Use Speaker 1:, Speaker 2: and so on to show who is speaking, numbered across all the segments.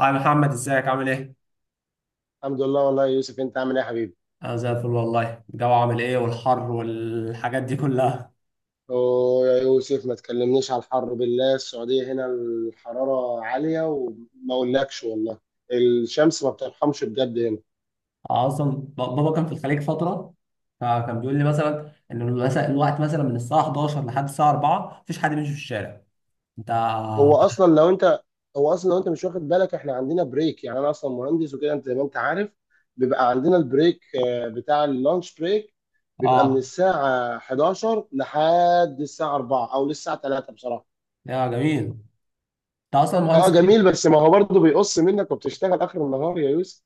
Speaker 1: هاي محمد، ازيك عامل ايه؟
Speaker 2: الحمد لله والله يا يوسف، انت عامل ايه يا حبيبي؟
Speaker 1: انا زي الفل والله. الجو عامل ايه والحر والحاجات دي كلها؟
Speaker 2: ويا يوسف ما تكلمنيش على الحر بالله، السعودية هنا الحرارة عالية وما اقولكش والله. الشمس ما بترحمش بجد هنا.
Speaker 1: اصلا بابا كان في الخليج فترة، فكان بيقول لي مثلا ان الوقت مثلا من الساعة 11 لحد الساعة 4 مفيش حد بيمشي في الشارع. انت.
Speaker 2: هو اصلا لو انت هو اصلا لو انت مش واخد بالك، احنا عندنا بريك، يعني انا اصلا مهندس وكده انت زي ما انت عارف. بيبقى عندنا البريك، بتاع اللانش بريك، بيبقى من
Speaker 1: اه،
Speaker 2: الساعة 11 لحد الساعة 4 او للساعة 3 بصراحة.
Speaker 1: يا جميل. انت اصلا
Speaker 2: اه
Speaker 1: مهندس
Speaker 2: جميل،
Speaker 1: ايه؟
Speaker 2: بس ما هو برضه بيقص منك وبتشتغل اخر النهار يا يوسف.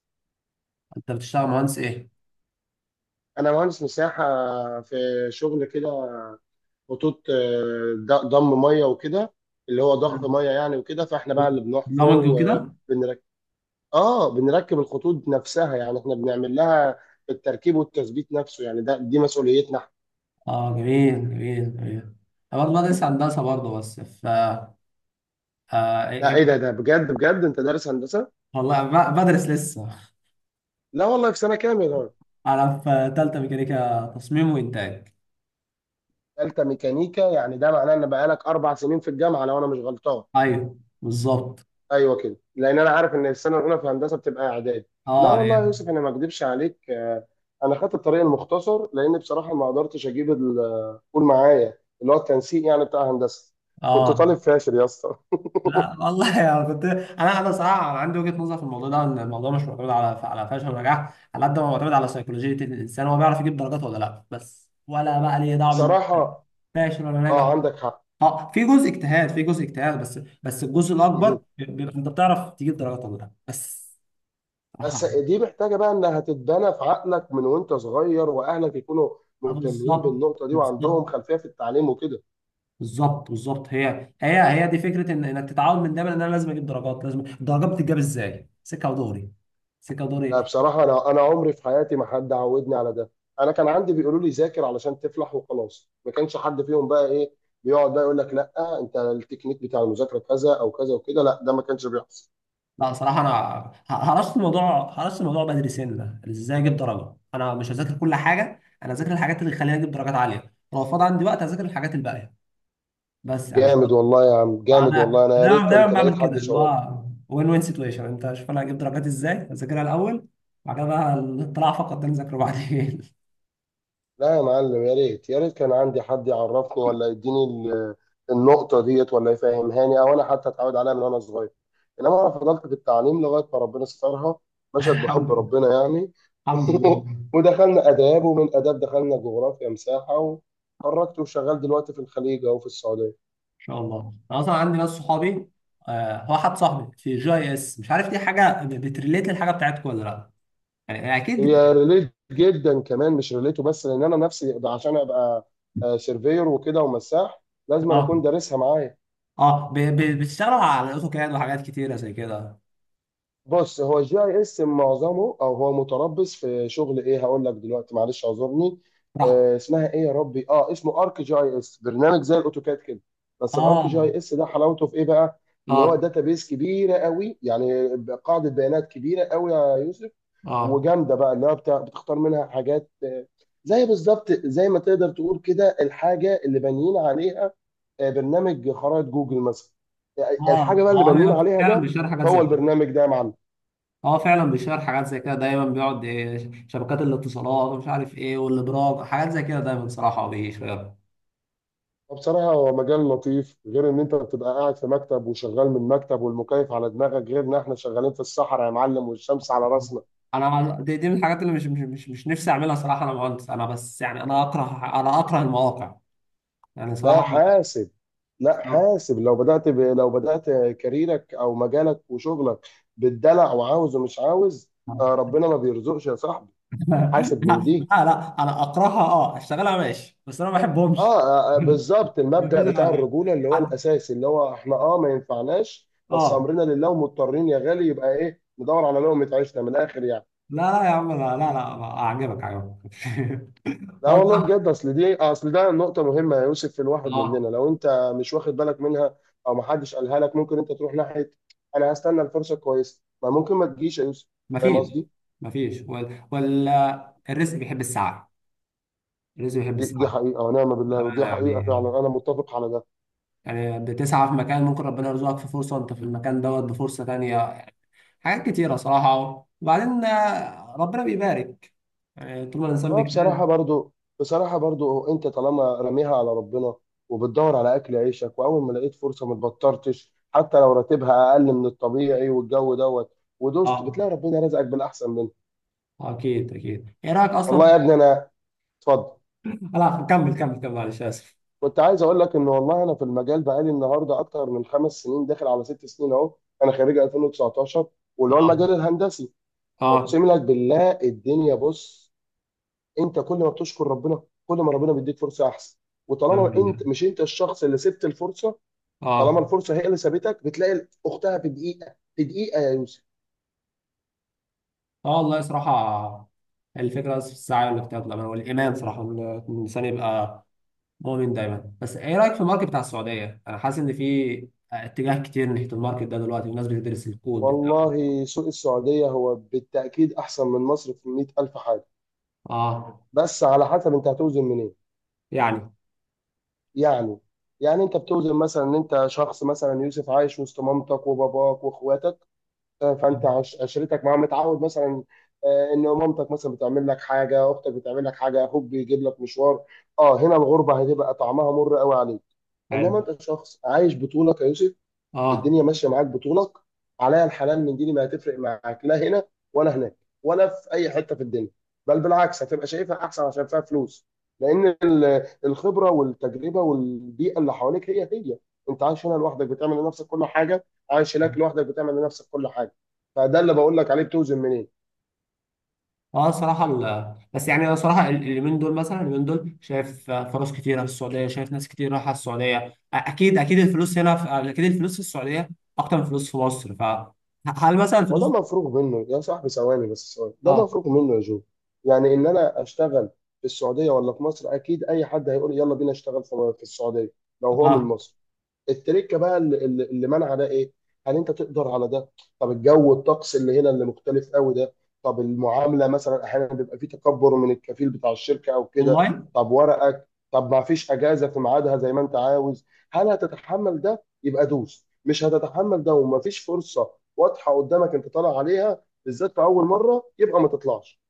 Speaker 1: انت بتشتغل مهندس ايه؟
Speaker 2: انا مهندس مساحه، في شغل كده، خطوط، ضم ميه وكده، اللي هو ضخ
Speaker 1: مم.
Speaker 2: ميه يعني وكده، فاحنا بقى اللي بنحفر
Speaker 1: برامج وكده؟
Speaker 2: وبنركب. اه، بنركب الخطوط نفسها، يعني احنا بنعمل لها التركيب والتثبيت نفسه، يعني ده دي مسؤوليتنا احنا.
Speaker 1: اه، جميل جميل جميل. انا برضه بدرس هندسة برضه، بس ف إيه-
Speaker 2: لا ايه ده؟
Speaker 1: إيه-
Speaker 2: ده بجد بجد انت دارس هندسه؟
Speaker 1: والله بدرس لسه
Speaker 2: لا والله، في سنه كام يا راجل؟
Speaker 1: انا في تالتة ميكانيكا تصميم وانتاج.
Speaker 2: ثالثه ميكانيكا، يعني ده معناه ان بقالك 4 سنين في الجامعه لو انا مش غلطان.
Speaker 1: ايوه بالظبط.
Speaker 2: ايوه كده، لان انا عارف ان السنه الاولى في هندسه بتبقى اعداد. لا
Speaker 1: اه هي.
Speaker 2: والله يا يوسف، انا ما اكذبش عليك انا خدت الطريق المختصر، لان بصراحه ما قدرتش اجيب قول معايا اللي هو التنسيق يعني بتاع هندسه. كنت طالب
Speaker 1: اه.
Speaker 2: فاشل يا اسطى
Speaker 1: لا والله يعني كنت انا صراحه، أنا عندي وجهه نظر في الموضوع ده، ان الموضوع مش معتمد على فشل ونجاح على قد ما معتمد على سيكولوجيه الانسان. هو بيعرف يجيب درجات ولا لا بس، ولا بقى ليه دعوه بإنت
Speaker 2: بصراحه
Speaker 1: فاشل ولا ناجح.
Speaker 2: اه عندك حق.
Speaker 1: اه، في جزء اجتهاد، في جزء اجتهاد بس، الجزء الاكبر
Speaker 2: مهم.
Speaker 1: بيبقى انت بتعرف تجيب درجات ولا لا بس. صراحه
Speaker 2: بس
Speaker 1: يعني.
Speaker 2: دي محتاجه بقى انها تتبنى في عقلك من وانت صغير، واهلك يكونوا مهتمين
Speaker 1: بالظبط
Speaker 2: بالنقطه دي وعندهم
Speaker 1: بالظبط
Speaker 2: خلفيه في التعليم وكده.
Speaker 1: بالظبط بالظبط. هي دي فكره ان انك تتعود من دايما ان انا لازم اجيب درجات. لازم الدرجات بتتجاب ازاي؟ سكه ودوري، سكه
Speaker 2: لا
Speaker 1: ودوري.
Speaker 2: بصراحة أنا عمري في حياتي ما حد عودني على ده. أنا كان عندي بيقولوا لي ذاكر علشان تفلح وخلاص، ما كانش حد فيهم بقى إيه بيقعد بقى يقول لك لا أنت التكنيك بتاع المذاكرة كذا أو كذا وكده. لا، ده ما كانش بيحصل.
Speaker 1: لا صراحه انا، هرست الموضوع، هرست الموضوع بدري سنه. ازاي اجيب درجه؟ انا مش هذاكر كل حاجه، انا هذاكر الحاجات اللي تخليني اجيب درجات عاليه. لو فاضي عندي وقت هذاكر الحاجات الباقيه. بس
Speaker 2: جامد والله يا عم، جامد والله. أنا يا
Speaker 1: انا
Speaker 2: ريت
Speaker 1: دايما
Speaker 2: كنت لقيت
Speaker 1: بعمل كده،
Speaker 2: حد
Speaker 1: اللي
Speaker 2: شاورني.
Speaker 1: هو وين وين سيتويشن، انت شوف انا هجيب درجات ازاي؟ هذاكرها الاول، بعد كده بقى الطلع فقط ده نذاكره بعدين.
Speaker 2: لا يا معلم، يا ريت يا ريت كان عندي حد يعرفني ولا يديني النقطة ديت، ولا يفهمهاني أو أنا حتى أتعود عليها من وأنا صغير. إنما أنا فضلت في التعليم لغاية ما ربنا سترها، مشت
Speaker 1: الحمد
Speaker 2: بحب
Speaker 1: لله.
Speaker 2: ربنا يعني
Speaker 1: الحمد لله.
Speaker 2: ودخلنا آداب، ومن آداب دخلنا جغرافيا مساحة، وخرجت وشغال دلوقتي في الخليج أو في السعودية.
Speaker 1: شاء الله. انا اصلا عندي ناس صحابي، هو حد صاحبي في جي اس، مش عارف دي حاجه بتريليت للحاجه بتاعتكم ولا لا. يعني اكيد
Speaker 2: هي ريليت جدا كمان، مش ريليته بس، لأن أنا نفسي عشان أبقى سيرفير وكده ومساح لازم أنا
Speaker 1: اه.
Speaker 2: أكون دارسها معايا.
Speaker 1: اه، بتشتغلوا على الاوتوكاد وحاجات كتيره زي كده.
Speaker 2: بص، هو الجي اي اس معظمه او هو متربص في شغل ايه، هقول لك دلوقتي، معلش اعذرني.
Speaker 1: صح.
Speaker 2: آه اسمها ايه يا ربي، اه اسمه ارك جي اي اس، برنامج زي الاوتوكاد كده. بس الارك جي
Speaker 1: اه.
Speaker 2: اي اس ده حلاوته في ايه بقى؟ ان هو
Speaker 1: اه.
Speaker 2: داتابيس كبيره قوي يعني، قاعده بيانات كبيره قوي يا يوسف.
Speaker 1: اه.
Speaker 2: وجامده بقى، اللي هو بتختار منها حاجات، زي بالظبط زي ما تقدر تقول كده الحاجه اللي بانيين عليها، برنامج خرائط جوجل مثلا، الحاجه
Speaker 1: اه
Speaker 2: بقى اللي بانيين
Speaker 1: هو
Speaker 2: عليها
Speaker 1: فعلا
Speaker 2: ده.
Speaker 1: بيشتغل حاجات
Speaker 2: هو
Speaker 1: زي كده.
Speaker 2: البرنامج ده يا معلم.
Speaker 1: اه فعلا بيشتغل حاجات زي كده، دايما بيقعد إيه، شبكات الاتصالات ومش عارف ايه، والابراج، حاجات زي كده دايما صراحه بيشتغل.
Speaker 2: بصراحة هو مجال لطيف، غير إن أنت بتبقى قاعد في مكتب وشغال من مكتب والمكيف على دماغك، غير إن إحنا شغالين في الصحراء يا معلم والشمس على راسنا.
Speaker 1: انا دي من الحاجات اللي مش نفسي اعملها صراحه. انا مهندس، انا بس يعني، انا اكره المواقع، يعني
Speaker 2: لا
Speaker 1: صراحه.
Speaker 2: حاسب، لا حاسب، لو بدأت كاريرك أو مجالك وشغلك بالدلع وعاوز ومش عاوز، آه ربنا ما بيرزقش يا صاحبي. حاسب من
Speaker 1: لا
Speaker 2: دي.
Speaker 1: لا لا، انا اكرهها. اه اشتغلها ماشي، بس انا ما بحبهمش.
Speaker 2: بالظبط،
Speaker 1: يا
Speaker 2: المبدأ بتاع
Speaker 1: باشا.
Speaker 2: الرجولة اللي هو
Speaker 1: حد.
Speaker 2: الأساسي، اللي هو إحنا ما ينفعناش، بس
Speaker 1: اه.
Speaker 2: أمرنا لله ومضطرين يا غالي، يبقى إيه، ندور على لقمة عيشنا من الآخر يعني.
Speaker 1: لا لا يا عم، لا لا لا. اعجبك اعجبك
Speaker 2: لا
Speaker 1: اه
Speaker 2: والله
Speaker 1: صح.
Speaker 2: بجد، اصل دي اصل ده نقطة مهمة يا يوسف في الواحد مننا،
Speaker 1: اه.
Speaker 2: لو انت مش واخد بالك منها او ما حدش قالها لك ممكن انت تروح ناحية. انا هستنى الفرصة كويسة، ما ممكن ما تجيش يا يوسف. فاهم
Speaker 1: مفيش.
Speaker 2: قصدي؟
Speaker 1: مفيش الرزق بيحب السعي. الرزق بيحب
Speaker 2: دي
Speaker 1: السعي.
Speaker 2: حقيقة ونعم بالله، ودي
Speaker 1: بأمانة
Speaker 2: حقيقة
Speaker 1: يعني.
Speaker 2: فعلا انا متفق على ده.
Speaker 1: يعني بتسعى في مكان، ممكن ربنا يرزقك في فرصة، وانت في المكان دوت بفرصة تانية. حاجات كتيرة صراحة. وبعدين ربنا بيبارك يعني طول ما الإنسان
Speaker 2: اه بصراحة
Speaker 1: بيجتهد.
Speaker 2: برضو، بصراحة برضو انت طالما راميها على ربنا وبتدور على اكل عيشك، واول ما لقيت فرصة ما اتبطرتش حتى لو راتبها اقل من الطبيعي والجو دوت ودوست،
Speaker 1: اه،
Speaker 2: بتلاقي ربنا رزقك بالاحسن منه.
Speaker 1: أكيد أكيد. إيه رأيك
Speaker 2: والله
Speaker 1: أصلا؟
Speaker 2: يا ابني انا، اتفضل.
Speaker 1: لا كمل كمل كمل، معلش آسف.
Speaker 2: كنت عايز اقول لك ان والله انا في المجال بقالي النهارده اكتر من 5 سنين، داخل على 6 سنين اهو، انا خريج 2019، واللي هو
Speaker 1: اه.
Speaker 2: المجال الهندسي.
Speaker 1: اه
Speaker 2: اقسم لك بالله الدنيا، بص، انت كل ما بتشكر ربنا كل ما ربنا بيديك فرصه احسن. وطالما
Speaker 1: كمل.
Speaker 2: انت مش انت الشخص اللي سبت الفرصه، طالما
Speaker 1: اه.
Speaker 2: الفرصه هي اللي سابتك، بتلاقي اختها في دقيقه، في دقيقه يا يوسف.
Speaker 1: اه والله صراحة، الفكرة بس في السعي والاجتهاد والأمل والإيمان صراحة، إن الإنسان يبقى مؤمن دايما. بس إيه رأيك في الماركت بتاع السعودية؟ أنا حاسس إن في اتجاه كتير ناحية الماركت ده دلوقتي، والناس بتدرس الكود.
Speaker 2: والله سوق السعوديه هو بالتاكيد احسن من مصر في 100,000 حاجه.
Speaker 1: اه.
Speaker 2: بس على حسب انت هتوزن منين
Speaker 1: يعني
Speaker 2: يعني. يعني انت بتوزن مثلا ان انت شخص مثلا يوسف عايش وسط مامتك وباباك واخواتك، فانت عشرتك معاه متعود مثلا، ان مامتك مثلا بتعمل لك حاجه، اختك بتعمل لك حاجه، اخوك بيجيب لك مشوار. اه هنا الغربه هتبقى طعمها مر قوي عليك. انما
Speaker 1: حلو.
Speaker 2: انت شخص عايش بطولك يا يوسف،
Speaker 1: اه.
Speaker 2: الدنيا ماشيه معاك بطولك، عليا الحلال من ديني ما هتفرق معاك، لا هنا ولا هناك ولا في اي حته في الدنيا. بل بالعكس هتبقى شايفها احسن عشان فيها فلوس، لان الخبره والتجربه والبيئه اللي حواليك هي هي. انت عايش هنا لوحدك بتعمل لنفسك كل حاجه، عايش هناك لوحدك بتعمل لنفسك كل حاجه. فده اللي بقول لك عليه، بتوزن منين.
Speaker 1: اه صراحة بس يعني انا صراحة اليومين دول، مثلا اليومين دول شايف فرص كتيرة في السعودية، شايف ناس كتير رايحة السعودية. اكيد اكيد الفلوس هنا اكيد الفلوس في السعودية اكتر من الفلوس في مصر. فهل مثلا
Speaker 2: وده
Speaker 1: الفلوس؟
Speaker 2: مفروغ منه يا صاحبي، ثواني بس، ثواني، ده
Speaker 1: اه.
Speaker 2: مفروغ منه يا جو. يعني ان انا اشتغل في السعوديه ولا في مصر، اكيد اي حد هيقول يلا بينا اشتغل في في السعوديه، لو هو من
Speaker 1: اه
Speaker 2: مصر. التركه بقى اللي منع ده ايه؟ هل انت تقدر على ده؟ طب الجو، الطقس اللي هنا اللي مختلف قوي ده، طب المعامله مثلا احيانا بيبقى في تكبر من الكفيل بتاع الشركه او كده،
Speaker 1: والله
Speaker 2: طب ورقك، طب ما فيش اجازه في ميعادها زي ما انت عاوز، هل هتتحمل ده؟ يبقى دوس. مش هتتحمل ده وما فيش فرصه واضحه قدامك انت طالع عليها بالذات في اول مره، يبقى ما تطلعش.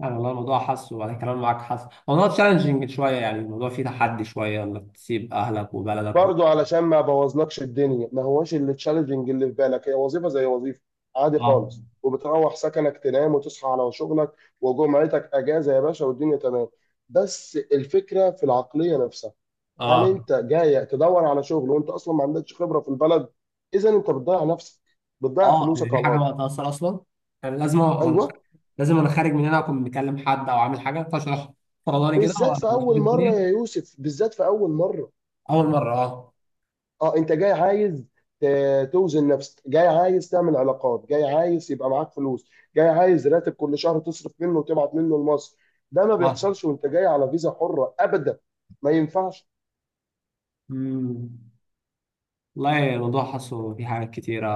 Speaker 1: يعني، والله الموضوع حاسه، وانا كلام معاك حاسه موضوع تشالنجينج شوية. يعني الموضوع فيه تحدي شوية انك تسيب اهلك وبلدك و...
Speaker 2: برضه علشان ما بوظلكش الدنيا، ما هواش اللي تشالنجنج اللي في بالك، هي وظيفه زي وظيفه عادي خالص،
Speaker 1: اه.
Speaker 2: وبتروح سكنك تنام وتصحى على شغلك، وجمعتك اجازه يا باشا والدنيا تمام. بس الفكره في العقليه نفسها، هل
Speaker 1: اه.
Speaker 2: انت جاي تدور على شغل وانت اصلا ما عندكش خبره في البلد؟ اذا انت بتضيع نفسك، بتضيع
Speaker 1: اه، يعني
Speaker 2: فلوسك
Speaker 1: دي
Speaker 2: على
Speaker 1: حاجة
Speaker 2: الارض.
Speaker 1: بقى تأثر اصلا. يعني لازم،
Speaker 2: ايوه
Speaker 1: لازم انا خارج من هنا اكون مكلم حد او عامل حاجه فاشرح، فرضاني كده،
Speaker 2: بالذات في
Speaker 1: واشوف
Speaker 2: اول مره
Speaker 1: الدنيا.
Speaker 2: يا يوسف، بالذات في اول مره.
Speaker 1: اول مره، اه.
Speaker 2: اه انت جاي عايز توزن نفسك، جاي عايز تعمل علاقات، جاي عايز يبقى معاك فلوس، جاي عايز راتب كل شهر تصرف منه وتبعت منه لمصر، ده ما
Speaker 1: اه.
Speaker 2: بيحصلش وانت جاي على فيزا حرة ابدا. ما ينفعش
Speaker 1: امم. والله الموضوع حاسه في حاجات كتيره.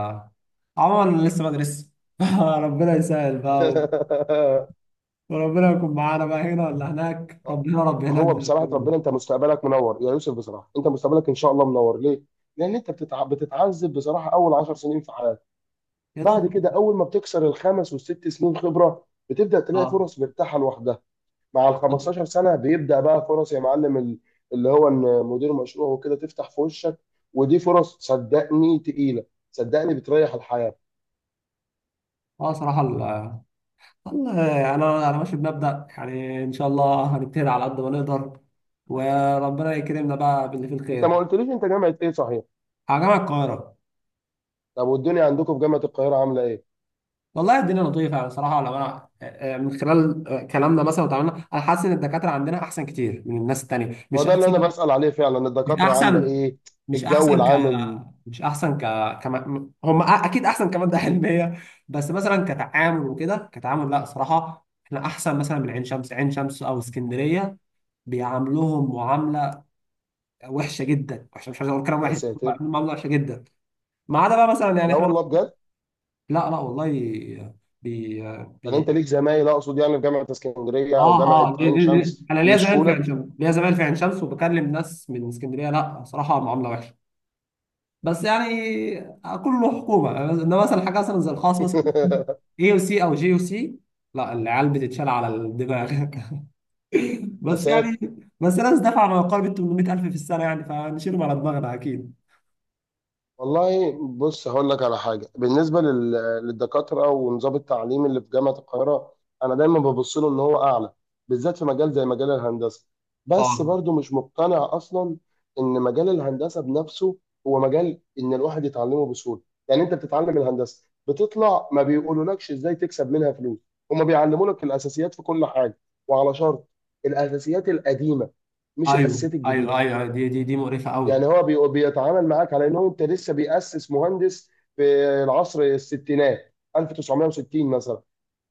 Speaker 1: عموما انا لسه بدرس ربنا يسهل بقى و- وربنا يكون معانا بقى هنا ولا هناك. ربنا رب هناك
Speaker 2: هو
Speaker 1: زي ما
Speaker 2: بصراحة
Speaker 1: بيقولوا.
Speaker 2: ربنا، انت مستقبلك منور يا يوسف، بصراحة انت مستقبلك ان شاء الله منور. ليه؟ لان انت بتتعذب بصراحة اول 10 سنين في حياتك،
Speaker 1: يا
Speaker 2: بعد
Speaker 1: دوب.
Speaker 2: كده اول ما بتكسر ال 5 وال 6 سنين خبرة بتبدأ تلاقي
Speaker 1: اه.
Speaker 2: فرص مرتاحة لوحدها. مع ال 15 سنه بيبدا بقى فرص يا معلم، اللي هو ان مدير مشروع وكده تفتح في وشك، ودي فرص صدقني تقيله، صدقني بتريح الحياه.
Speaker 1: اه صراحه والله انا ماشي بمبدا، يعني ان شاء الله هنجتهد على قد ما نقدر، وربنا يكرمنا بقى باللي فيه
Speaker 2: انت
Speaker 1: الخير.
Speaker 2: ما قلتليش انت جامعه ايه صحيح؟
Speaker 1: على جامعه القاهره.
Speaker 2: طب والدنيا عندكم في جامعه القاهره عامله ايه؟
Speaker 1: والله الدنيا لطيفه يعني صراحه، لو انا من خلال كلامنا مثلا وتعاملنا، انا حاسس ان الدكاتره عندنا احسن كتير من الناس التانيه.
Speaker 2: هو
Speaker 1: مش
Speaker 2: ده اللي انا
Speaker 1: احسن.
Speaker 2: بسال عليه فعلا،
Speaker 1: مش
Speaker 2: الدكاتره عامله
Speaker 1: احسن.
Speaker 2: ايه؟
Speaker 1: مش
Speaker 2: الجو
Speaker 1: احسن ك،
Speaker 2: العامل.
Speaker 1: مش احسن ك، كما، هم اكيد احسن كماده علميه. بس مثلا كتعامل وكده، كتعامل لا صراحه احنا احسن مثلا من عين شمس. عين شمس او اسكندريه بيعاملوهم معامله وحشه جدا. وحشه، مش عايز اقول كلام
Speaker 2: يا
Speaker 1: وحش،
Speaker 2: ساتر.
Speaker 1: بيعاملوهم معامله وحشه جدا. ما عدا بقى مثلا يعني
Speaker 2: لا
Speaker 1: احنا.
Speaker 2: والله بجد.
Speaker 1: لا لا والله. بي...
Speaker 2: يعني انت
Speaker 1: بي...
Speaker 2: ليك زمايل، اقصد يعني في جامعه اسكندريه او
Speaker 1: اه
Speaker 2: جامعه
Speaker 1: اه.
Speaker 2: عين
Speaker 1: دي.
Speaker 2: شمس
Speaker 1: انا ليا زمان
Speaker 2: بيشكوا
Speaker 1: في عين
Speaker 2: لك؟
Speaker 1: شمس، ليا زمان في عين شمس، وبكلم ناس من اسكندريه. لا صراحه معامله وحشه. بس يعني كله حكومه، انما مثلا حاجه مثلا زي الخاص مثلا، اي او سي او جي او سي، لا العيال بتتشال على الدماغ
Speaker 2: يا
Speaker 1: بس
Speaker 2: ساتر.
Speaker 1: يعني بس ناس دفع ما يقارب ال 800,000 في السنه، يعني فنشيلهم على دماغنا اكيد.
Speaker 2: والله بص، هقول لك على حاجه، بالنسبه للدكاتره ونظام التعليم اللي في جامعه القاهره، انا دايما ببص له ان هو اعلى، بالذات في مجال زي مجال الهندسه، بس
Speaker 1: اه.
Speaker 2: برضو مش مقتنع اصلا ان مجال الهندسه بنفسه هو مجال ان الواحد يتعلمه بسهوله. يعني انت بتتعلم الهندسه بتطلع ما بيقولولكش ازاي تكسب منها فلوس، هما بيعلموا لك الاساسيات في كل حاجه، وعلى شرط الاساسيات القديمه مش
Speaker 1: ايوه
Speaker 2: الاساسيات الجديده.
Speaker 1: ايوه ايوه، دي مقرفه قوي.
Speaker 2: يعني هو بيتعامل معاك على انه انت لسه بيأسس مهندس في العصر الستينات 1960 مثلا،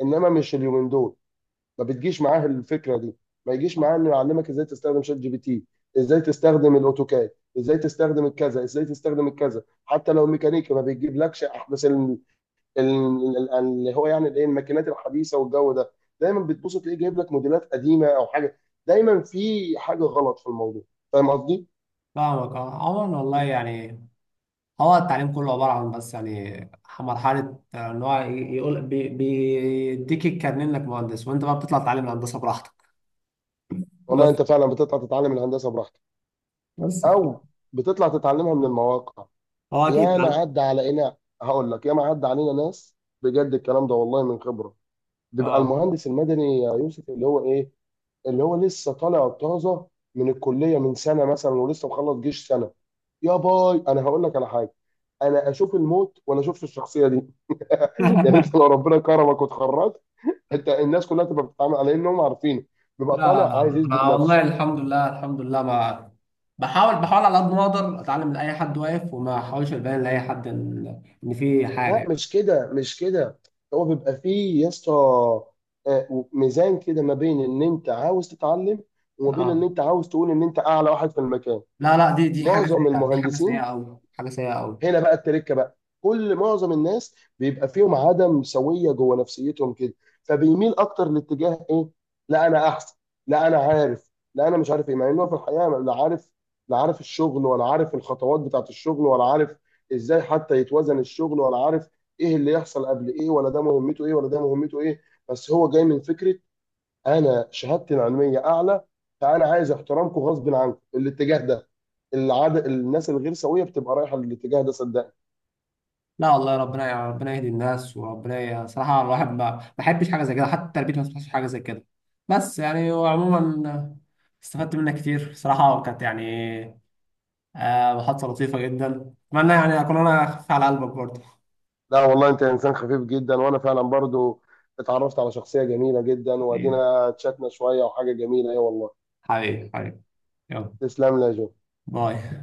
Speaker 2: انما مش اليومين دول، ما بتجيش معاه الفكره دي، ما يجيش معاه انه يعلمك ازاي تستخدم شات جي بي تي، ازاي تستخدم الاوتوكاد، ازاي تستخدم الكذا، ازاي تستخدم الكذا، حتى لو ميكانيكي ما بيجيبلكش احدث اللي هو يعني الايه، الماكينات الحديثه والجو ده. دايما بتبص تلاقيه جايب لك موديلات قديمه او حاجه، دايما في حاجه غلط في الموضوع. فاهم قصدي؟
Speaker 1: فاهمك اه. عموما والله يعني، هو التعليم كله عبارة عن، بس يعني مرحلة، إن هو يقول بيديك الكارنيه إنك مهندس، وأنت بقى بتطلع تعلم الهندسة براحتك.
Speaker 2: والله
Speaker 1: بس.
Speaker 2: انت فعلا بتطلع تتعلم الهندسه براحتك،
Speaker 1: بس كده.
Speaker 2: او بتطلع تتعلمها من المواقع.
Speaker 1: هو أكيد
Speaker 2: يا ما
Speaker 1: تعلم.
Speaker 2: عدى علينا، هقول لك يا ما عدى علينا ناس، بجد الكلام ده والله من خبره. بيبقى
Speaker 1: أه.
Speaker 2: المهندس المدني يا يوسف اللي هو ايه، اللي هو لسه طالع طازه من الكليه من سنه مثلا ولسه مخلص جيش سنه، يا باي انا هقول لك على حاجه، انا اشوف الموت ولا اشوفش الشخصيه دي يعني
Speaker 1: لا
Speaker 2: انت لو ربنا كرمك واتخرجت، انت الناس كلها تبقى بتتعامل على انهم عارفين،
Speaker 1: لا
Speaker 2: بيبقى طالع
Speaker 1: لا،
Speaker 2: عايز
Speaker 1: أنا
Speaker 2: يثبت نفسه.
Speaker 1: والله الحمد لله، الحمد لله ما، بحاول بحاول على قد ما أقدر أتعلم من أي حد واقف، وما أحاولش أبين لأي حد إن في حاجة
Speaker 2: لا
Speaker 1: يعني.
Speaker 2: مش كده مش كده، هو بيبقى فيه يا اسطى ميزان كده، ما بين ان انت عاوز تتعلم وما بين ان
Speaker 1: أه.
Speaker 2: انت عاوز تقول ان انت اعلى واحد في المكان.
Speaker 1: لا لا، دي حاجة
Speaker 2: معظم
Speaker 1: سيئة، دي حاجة سيئة
Speaker 2: المهندسين
Speaker 1: أوي، حاجة سيئة أوي.
Speaker 2: هنا بقى، التركه بقى كل معظم الناس بيبقى فيهم عدم سويه جوه نفسيتهم كده، فبيميل اكتر لاتجاه ايه، لا انا احسن، لا انا عارف، لا انا مش عارف ايه، مع انه في الحقيقه لا عارف، لا عارف الشغل، ولا عارف الخطوات بتاعت الشغل، ولا عارف ازاي حتى يتوزن الشغل، ولا عارف ايه اللي يحصل قبل ايه، ولا ده مهمته ايه ولا ده مهمته ايه. بس هو جاي من فكره انا شهادتي العلميه اعلى، فانا عايز احترامكم غصب عنكم، الاتجاه ده، العدد الناس الغير سويه بتبقى رايحه للاتجاه ده صدقني.
Speaker 1: لا والله ربنا، يهدي الناس. وربنا صراحة الواحد ما بحبش حاجة زي كده، حتى تربيتي ما بتحبش حاجة زي كده. بس يعني وعموما، استفدت منك كتير صراحة، وكانت يعني محادثة لطيفة جدا. أتمنى يعني أكون أنا خفيف على قلبك برضه.
Speaker 2: لا والله انت انسان خفيف جدا، وانا فعلا برضو اتعرفت على شخصيه جميله جدا،
Speaker 1: حبيبي،
Speaker 2: وادينا تشاتنا شويه وحاجه جميله ايه والله.
Speaker 1: حبيبي حبيبي. يلا.
Speaker 2: تسلم لي يا جو.
Speaker 1: باي.